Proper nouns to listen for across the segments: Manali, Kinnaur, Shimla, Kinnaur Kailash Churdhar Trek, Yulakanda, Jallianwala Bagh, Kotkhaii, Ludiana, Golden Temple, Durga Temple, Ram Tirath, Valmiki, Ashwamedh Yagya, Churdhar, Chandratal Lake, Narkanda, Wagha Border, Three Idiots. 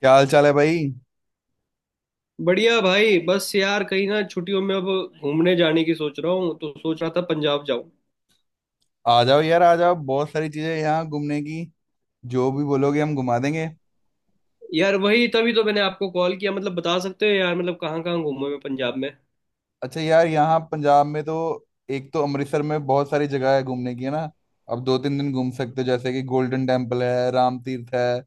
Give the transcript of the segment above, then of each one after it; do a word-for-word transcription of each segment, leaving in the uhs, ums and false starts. क्या हाल चाल है भाई। बढ़िया भाई। बस यार कहीं ना छुट्टियों में अब घूमने जाने की सोच रहा हूँ, तो सोच रहा था पंजाब जाऊँ। आ जाओ यार, आ जाओ, बहुत सारी चीजें यहाँ घूमने की, जो भी बोलोगे हम घुमा देंगे। यार वही तभी तो मैंने आपको कॉल किया, मतलब बता सकते हो यार, मतलब कहाँ कहाँ घूमूं मैं पंजाब में? अच्छा यार, यहाँ पंजाब में तो एक तो अमृतसर में बहुत सारी जगह है घूमने की, है ना। अब दो तीन दिन घूम सकते हो, जैसे कि गोल्डन टेम्पल है, राम तीर्थ है,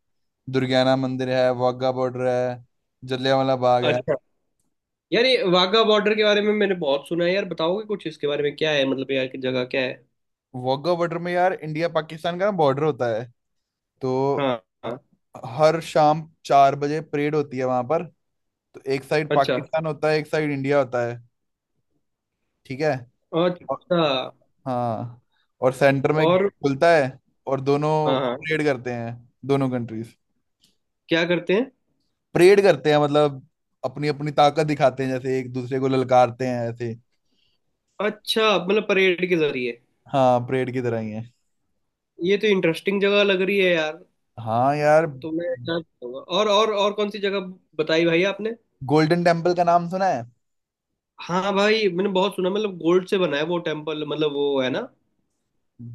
दुर्गियाना मंदिर है, वाघा बॉर्डर है, जलियांवाला बाग है। अच्छा यार, ये वाघा बॉर्डर के बारे में मैंने बहुत सुना है यार, बताओगे कुछ इसके बारे में? क्या है मतलब यार की जगह क्या है? वाघा बॉर्डर में यार इंडिया पाकिस्तान का ना बॉर्डर होता है। तो हाँ। हाँ। हर शाम चार बजे परेड होती है वहां पर। तो एक साइड अच्छा। पाकिस्तान होता है, एक साइड इंडिया होता है। ठीक है। अच्छा। हाँ, और सेंटर में और? गेट खुलता है, और दोनों हाँ हाँ। परेड करते हैं, दोनों कंट्रीज। क्या करते हैं? परेड करते हैं मतलब अपनी अपनी ताकत दिखाते हैं, जैसे एक दूसरे को ललकारते हैं ऐसे। अच्छा, मतलब परेड के जरिए। हाँ, परेड की तरह ही है। ये तो इंटरेस्टिंग जगह लग रही है यार। हाँ यार। तो मैं जाना चाहूंगा। और और और कौन सी जगह बताई भाई आपने? गोल्डन टेम्पल का नाम सुना है। हाँ भाई मैंने बहुत सुना, मतलब गोल्ड से बना है वो टेम्पल, मतलब वो है ना?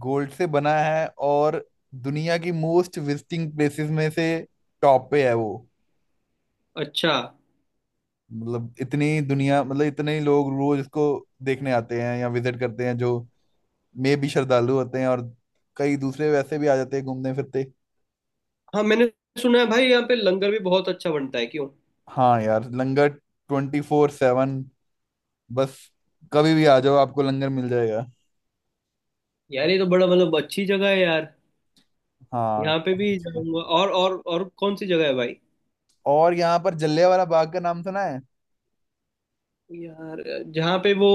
गोल्ड से बना है, और दुनिया की मोस्ट विजिटिंग प्लेसेस में से टॉप पे है वो। अच्छा। मतलब इतनी दुनिया, मतलब इतने ही लोग रोज इसको देखने आते हैं या विजिट करते हैं, जो में भी श्रद्धालु होते हैं और कई दूसरे वैसे भी आ जाते हैं घूमने फिरते। हाँ मैंने सुना है भाई, यहाँ पे लंगर भी बहुत अच्छा बनता है क्यों? हाँ यार, लंगर ट्वेंटी फोर सेवन, बस कभी भी आ जाओ, आपको लंगर मिल जाएगा। यार ये तो बड़ा मतलब अच्छी जगह है यार। हाँ, यहाँ पे काफी भी अच्छा है। जाऊंगा। और और और कौन सी जगह है भाई? और यहाँ पर जलियांवाला बाग का नाम सुना है। यार जहाँ पे वो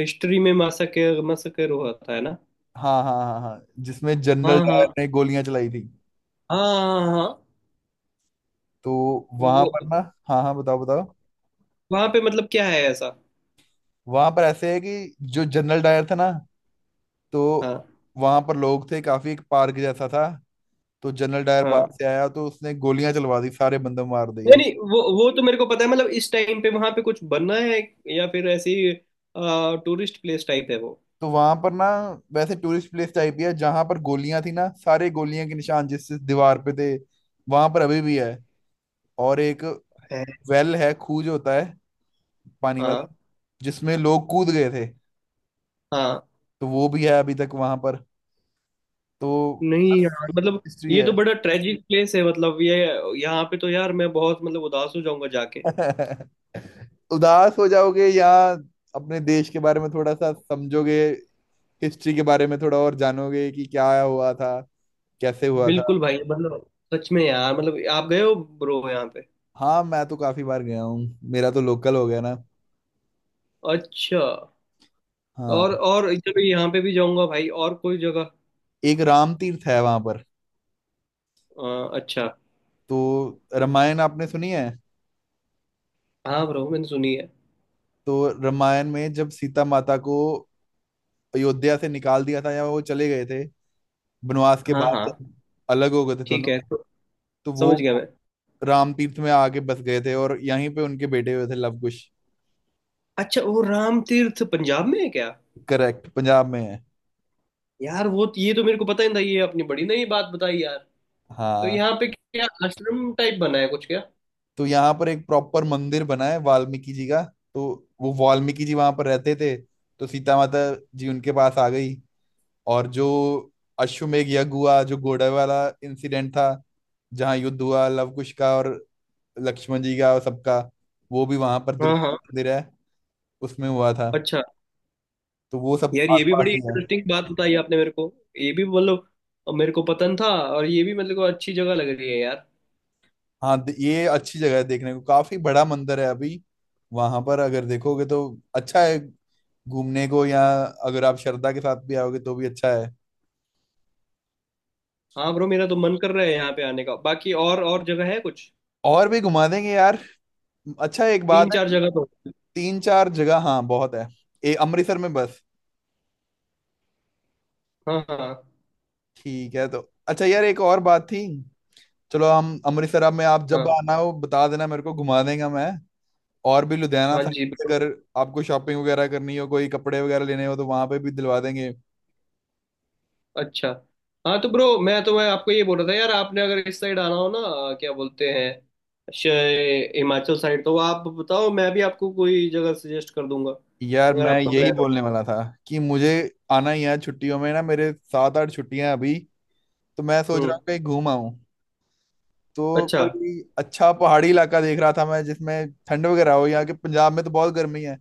हिस्ट्री में मैसेकर मैसेकर हुआ था है ना? हाँ हाँ हाँ हाँ, जिसमें जनरल हाँ डायर हाँ ने गोलियां चलाई थी। हाँ हाँ। हाँ। तो वहां वो पर ना, हाँ हाँ, बताओ बताओ। वहाँ पे मतलब क्या है ऐसा? वहां पर ऐसे है कि जो जनरल डायर था ना, तो हाँ वहां पर लोग थे काफी, एक पार्क जैसा था। तो जनरल डायर हाँ। बाहर से आया तो उसने गोलियां चलवा दी, सारे बंदे मार नहीं दिए। नहीं, वो वो तो मेरे को पता है, मतलब इस टाइम पे वहाँ पे कुछ बनना है या फिर ऐसी टूरिस्ट प्लेस टाइप है वो? तो वहां पर ना वैसे टूरिस्ट प्लेस टाइप ही है, जहां पर गोलियां थी ना, सारे गोलियां के निशान जिस जिस दीवार पे थे, वहां पर अभी भी है। और एक है। वेल है, खूह जो होता है पानी वाला, हाँ जिसमें लोग कूद गए थे, हाँ। तो वो भी है अभी तक वहां पर। तो नहीं यार मतलब, हिस्ट्री ये है। तो बड़ा ट्रेजिक प्लेस है, मतलब ये यहाँ पे तो यार मैं बहुत मतलब उदास हो जाऊंगा जाके। उदास हो जाओगे, या अपने देश के बारे में थोड़ा सा समझोगे, हिस्ट्री के बारे में थोड़ा और जानोगे कि क्या हुआ था, कैसे हुआ था। बिल्कुल भाई, मतलब सच में यार, मतलब आप गए हो ब्रो यहाँ पे? हाँ, मैं तो काफी बार गया हूँ, मेरा तो लोकल हो गया ना। अच्छा। और हाँ। और चलो यहाँ पे भी जाऊंगा भाई, और कोई जगह? एक राम तीर्थ है वहां पर। अ, अच्छा। तो रामायण आपने सुनी है। हाँ ब्रो मैंने सुनी है। तो रामायण में जब सीता माता को अयोध्या से निकाल दिया था या वो चले गए थे वनवास के हाँ बाद, हाँ। जब अलग हो गए थे ठीक दोनों, है तो तो वो समझ गया मैं। राम तीर्थ में आके बस गए थे और यहीं पे उनके बेटे हुए थे, लवकुश। अच्छा, वो राम तीर्थ पंजाब में है क्या? करेक्ट, पंजाब में है। यार वो, ये तो मेरे को पता ही नहीं था, ये अपनी बड़ी नई बात बताई यार। तो हाँ। यहाँ पे क्या आश्रम टाइप बना है कुछ क्या? तो यहाँ पर एक प्रॉपर मंदिर बना है वाल्मीकि जी का। तो वो वाल्मीकि जी वहां पर रहते थे, तो सीता माता जी उनके पास आ गई। और जो अश्वमेध यज्ञ हुआ, जो घोड़े वाला इंसिडेंट था, जहाँ युद्ध हुआ लवकुश का और लक्ष्मण जी का और सबका, वो भी वहां पर हाँ दुर्गा का हाँ। मंदिर है, उसमें हुआ था। अच्छा। तो वो सब यार ये भी आसपास बड़ी ही है। इंटरेस्टिंग बात बताई आपने मेरे को, ये भी मतलब मेरे को पतन था, और ये भी मतलब को अच्छी जगह लग रही है यार। हाँ द- ये अच्छी जगह है देखने को, काफी बड़ा मंदिर है अभी। वहां पर अगर देखोगे तो अच्छा है घूमने को, या अगर आप श्रद्धा के साथ भी आओगे तो भी अच्छा है। हाँ ब्रो मेरा तो मन कर रहा है यहाँ पे आने का, बाकी और और जगह है कुछ? और भी घुमा देंगे यार। अच्छा, एक बात तीन है। चार जगह तो। तीन चार जगह हाँ, बहुत है ए अमृतसर में बस। हाँ हाँ ठीक है तो, अच्छा यार, एक और बात थी। चलो, हम अमृतसर आप- में आप जब हाँ। आना हो बता देना, मेरे को घुमा देंगे मैं। और भी लुधियाना हाँ जी साइड भी ब्रो। अगर आपको शॉपिंग वगैरह करनी हो, कोई कपड़े वगैरह लेने हो, तो वहां पे भी दिलवा देंगे। अच्छा। हाँ तो ब्रो, मैं तो मैं आपको ये बोल रहा था यार, आपने अगर इस साइड आना हो ना, क्या बोलते हैं श- हिमाचल साइड, तो आप बताओ मैं भी आपको कोई जगह सजेस्ट कर दूंगा, यार अगर मैं आपका यही प्लान हो। बोलने वाला था कि मुझे आना ही है छुट्टियों में ना, मेरे सात आठ छुट्टियां हैं अभी। तो मैं सोच रहा हम्म। हूँ कहीं घूम आऊं। तो अच्छा। कोई अच्छा पहाड़ी इलाका देख रहा था मैं, जिसमें ठंड वगैरह हो, यहाँ के पंजाब में तो बहुत गर्मी है।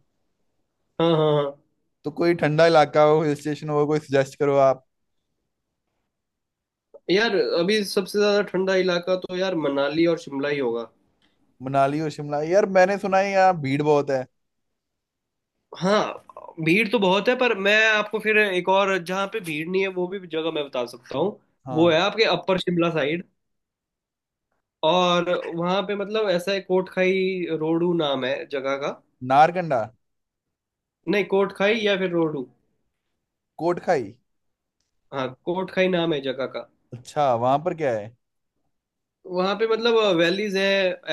हाँ हाँ हाँ। तो कोई ठंडा इलाका हो, हिल स्टेशन हो, कोई सजेस्ट करो आप। यार अभी सबसे ज्यादा ठंडा इलाका तो यार मनाली और शिमला ही होगा। मनाली और शिमला, यार मैंने सुना है यहाँ भीड़ बहुत है। हाँ भीड़ तो बहुत है, पर मैं आपको फिर एक और जहाँ पे भीड़ नहीं है वो भी जगह मैं बता सकता हूँ। वो है हाँ। आपके अपर शिमला साइड। और वहाँ पे मतलब ऐसा है, कोटखाई रोडू नाम है जगह का। नारकंडा। नहीं, कोटखाई या फिर रोडू। कोटखाई। हाँ, कोटखाई नाम है जगह का। अच्छा, वहां पर क्या है। वहाँ पे मतलब वैलीज हैं,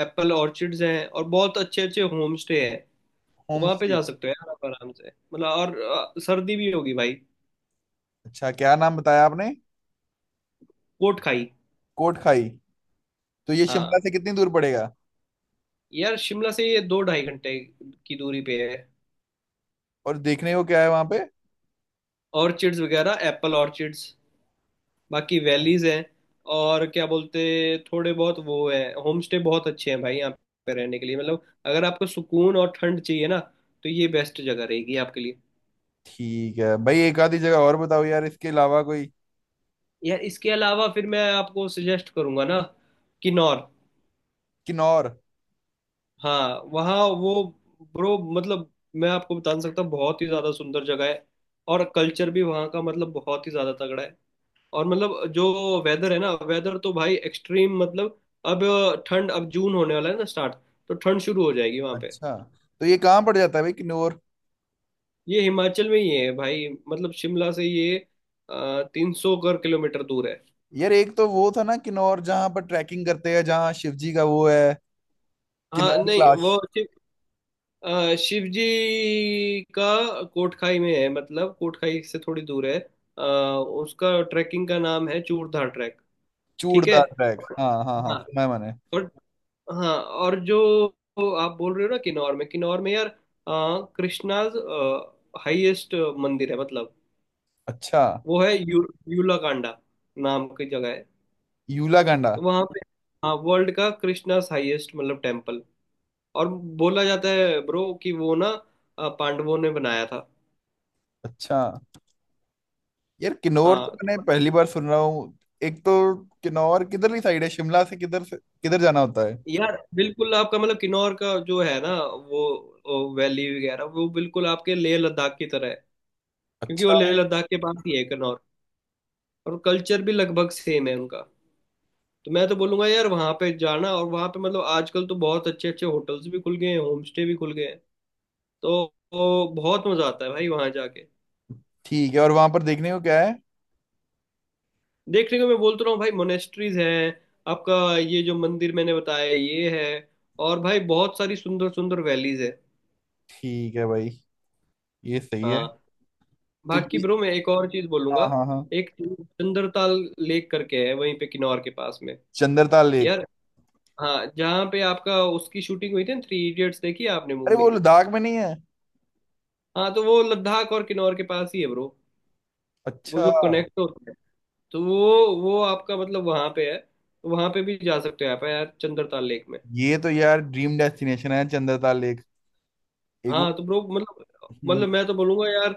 एप्पल ऑर्चिड्स हैं और बहुत अच्छे अच्छे होम स्टे हैं। होम वहाँ पे स्टे। जा सकते हो यार आप आराम से, मतलब। और अ, सर्दी भी होगी भाई। अच्छा, क्या नाम बताया आपने। कोटखाई। कोटखाई। तो ये शिमला हाँ। से कितनी दूर पड़ेगा। यार शिमला से ये दो ढाई घंटे की दूरी पे है। और देखने को क्या है वहां पे। ऑर्चिड्स वगैरह, एप्पल ऑर्चिड्स, बाकी वैलीज हैं। और क्या बोलते, थोड़े बहुत वो है। होम स्टे बहुत अच्छे हैं भाई यहाँ पे रहने के लिए, मतलब अगर आपको सुकून और ठंड चाहिए ना, तो ये बेस्ट जगह रहेगी आपके लिए। ठीक है भाई, एक आधी जगह और बताओ यार इसके अलावा कोई। यार इसके अलावा फिर मैं आपको सजेस्ट करूंगा ना, किन्नौर। किन्नौर। हाँ वहाँ वो ब्रो मतलब, मैं आपको बता नहीं सकता, बहुत ही ज्यादा सुंदर जगह है। और कल्चर भी वहाँ का मतलब बहुत ही ज्यादा तगड़ा है। और मतलब जो वेदर है ना, वेदर तो भाई एक्सट्रीम मतलब, अब ठंड, अब जून होने वाला है ना स्टार्ट, तो ठंड शुरू हो जाएगी वहां पे। अच्छा, तो ये कहाँ पड़ जाता है भाई किन्नौर। ये हिमाचल में ही है भाई, मतलब शिमला से ये तीन सौ कर किलोमीटर दूर है। यार एक तो वो था ना किन्नौर, जहाँ पर ट्रैकिंग करते हैं, जहाँ शिव जी का वो है, हाँ किन्नौर नहीं, क्लास। वो शिव अ, शिव जी का कोटखाई में है, मतलब कोटखाई से थोड़ी दूर है। अ, उसका ट्रैकिंग का नाम है चूड़धार ट्रैक। ठीक है। चूड़दार ट्रैक, हाँ हाँ हाँ, हाँ। सुना है मैंने। और हाँ, और जो आप बोल रहे हो ना, किन्नौर में किन्नौर में यार, आ, कृष्णाज हाईएस्ट मंदिर है, मतलब अच्छा। वो है यू, यूलाकांडा नाम की जगह है। यूला कांडा। तो वहाँ पे हाँ, वर्ल्ड का कृष्णाज हाईएस्ट मतलब टेम्पल, और बोला जाता है ब्रो कि वो ना अ, पांडवों ने बनाया था। अच्छा यार, किन्नौर हाँ तो मैंने तो पहली बार सुन रहा हूँ। एक तो किन्नौर किधरली साइड है शिमला से, किधर से किधर जाना होता है। यार बिल्कुल आपका मतलब किन्नौर का जो है ना, वो वैली वगैरह वो बिल्कुल आपके लेह लद्दाख की तरह है, क्योंकि वो अच्छा। लेह लद्दाख के पास ही है किन्नौर। और कल्चर भी लगभग सेम है उनका। तो मैं तो बोलूंगा यार वहां पे जाना, और वहां पे मतलब आजकल तो बहुत अच्छे अच्छे होटल्स भी खुल गए हैं, होम स्टे भी खुल गए हैं, तो, तो बहुत मजा आता है भाई वहां जाके। ठीक है, और वहां पर देखने को क्या है। देखने को मैं बोलता रहा हूँ भाई, मोनेस्ट्रीज हैं, आपका ये जो मंदिर मैंने बताया ये है, और भाई बहुत सारी सुंदर सुंदर वैलीज है। ठीक है भाई, ये सही है। हाँ। तो बाकी ये, ब्रो मैं एक और चीज बोलूंगा, हाँ हाँ हाँ। एक चंद्रताल लेक करके है वहीं पे किन्नौर के पास में। चंद्रताल लेक। यार हाँ, जहाँ पे आपका उसकी शूटिंग हुई थी ना, थ्री इडियट्स देखी है आपने अरे वो मूवी? लद्दाख में नहीं है। हाँ तो वो लद्दाख और किन्नौर के पास ही है ब्रो। वो अच्छा। जो कनेक्ट होता है, तो वो वो आपका मतलब वहां पे है, तो वहां पे भी जा सकते हो आप यार चंद्रताल लेक में। ये तो यार ड्रीम डेस्टिनेशन है, चंद्रताल लेक। एक वो, हाँ तो ब्रो मतलब हम्म, मतलब मैं तो बोलूंगा यार,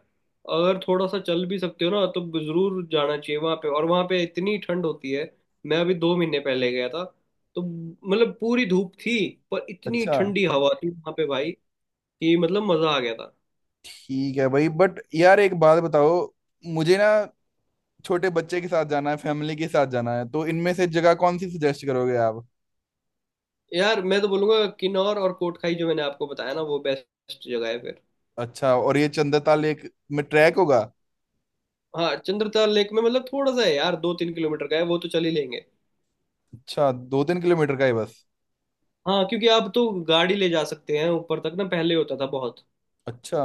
अगर थोड़ा सा चल भी सकते हो ना तो जरूर जाना चाहिए वहां पे। और वहां पे इतनी ठंड होती है, मैं अभी दो महीने पहले गया था, तो मतलब पूरी धूप थी, पर इतनी अच्छा। ठंडी हवा थी वहां पे भाई, कि मतलब मजा आ गया था। ठीक है भाई, बट यार एक बात बताओ। मुझे ना छोटे बच्चे के साथ जाना है, फैमिली के साथ जाना है, तो इनमें से जगह कौन सी सजेस्ट करोगे आप। यार मैं तो बोलूंगा, किन्नौर और कोटखाई जो मैंने आपको बताया ना, वो बेस्ट जगह है। अच्छा, और ये चंद्रता लेक में ट्रैक होगा। हाँ चंद्रताल लेक में मतलब थोड़ा सा है यार, दो तीन किलोमीटर का है, वो तो चल ही लेंगे। अच्छा, दो तीन किलोमीटर का है बस। हाँ क्योंकि आप तो गाड़ी ले जा सकते हैं ऊपर तक ना, पहले होता था बहुत। अच्छा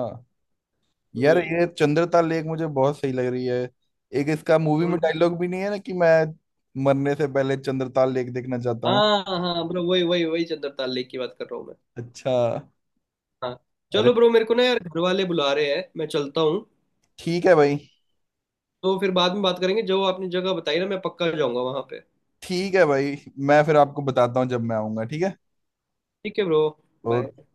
यार, हम्म। ये चंद्रता लेक मुझे बहुत सही लग रही है। एक इसका मूवी में हम्म। डायलॉग भी नहीं है ना, कि मैं मरने से पहले चंद्रता लेक देखना चाहता हूँ। हाँ। हाँ ब्रो, वही वही वही चंद्रताल लेक की बात कर रहा हूँ मैं। अच्छा। हाँ। अरे, चलो ब्रो मेरे को ना यार घर वाले बुला रहे हैं, मैं चलता हूँ। ठीक है भाई। तो फिर बाद में बात करेंगे, जो आपने जगह बताई ना, मैं पक्का जाऊंगा वहां पे। ठीक है भाई, मैं फिर आपको बताता हूँ जब मैं आऊंगा, ठीक है। ठीक है ब्रो। ओके। बाय।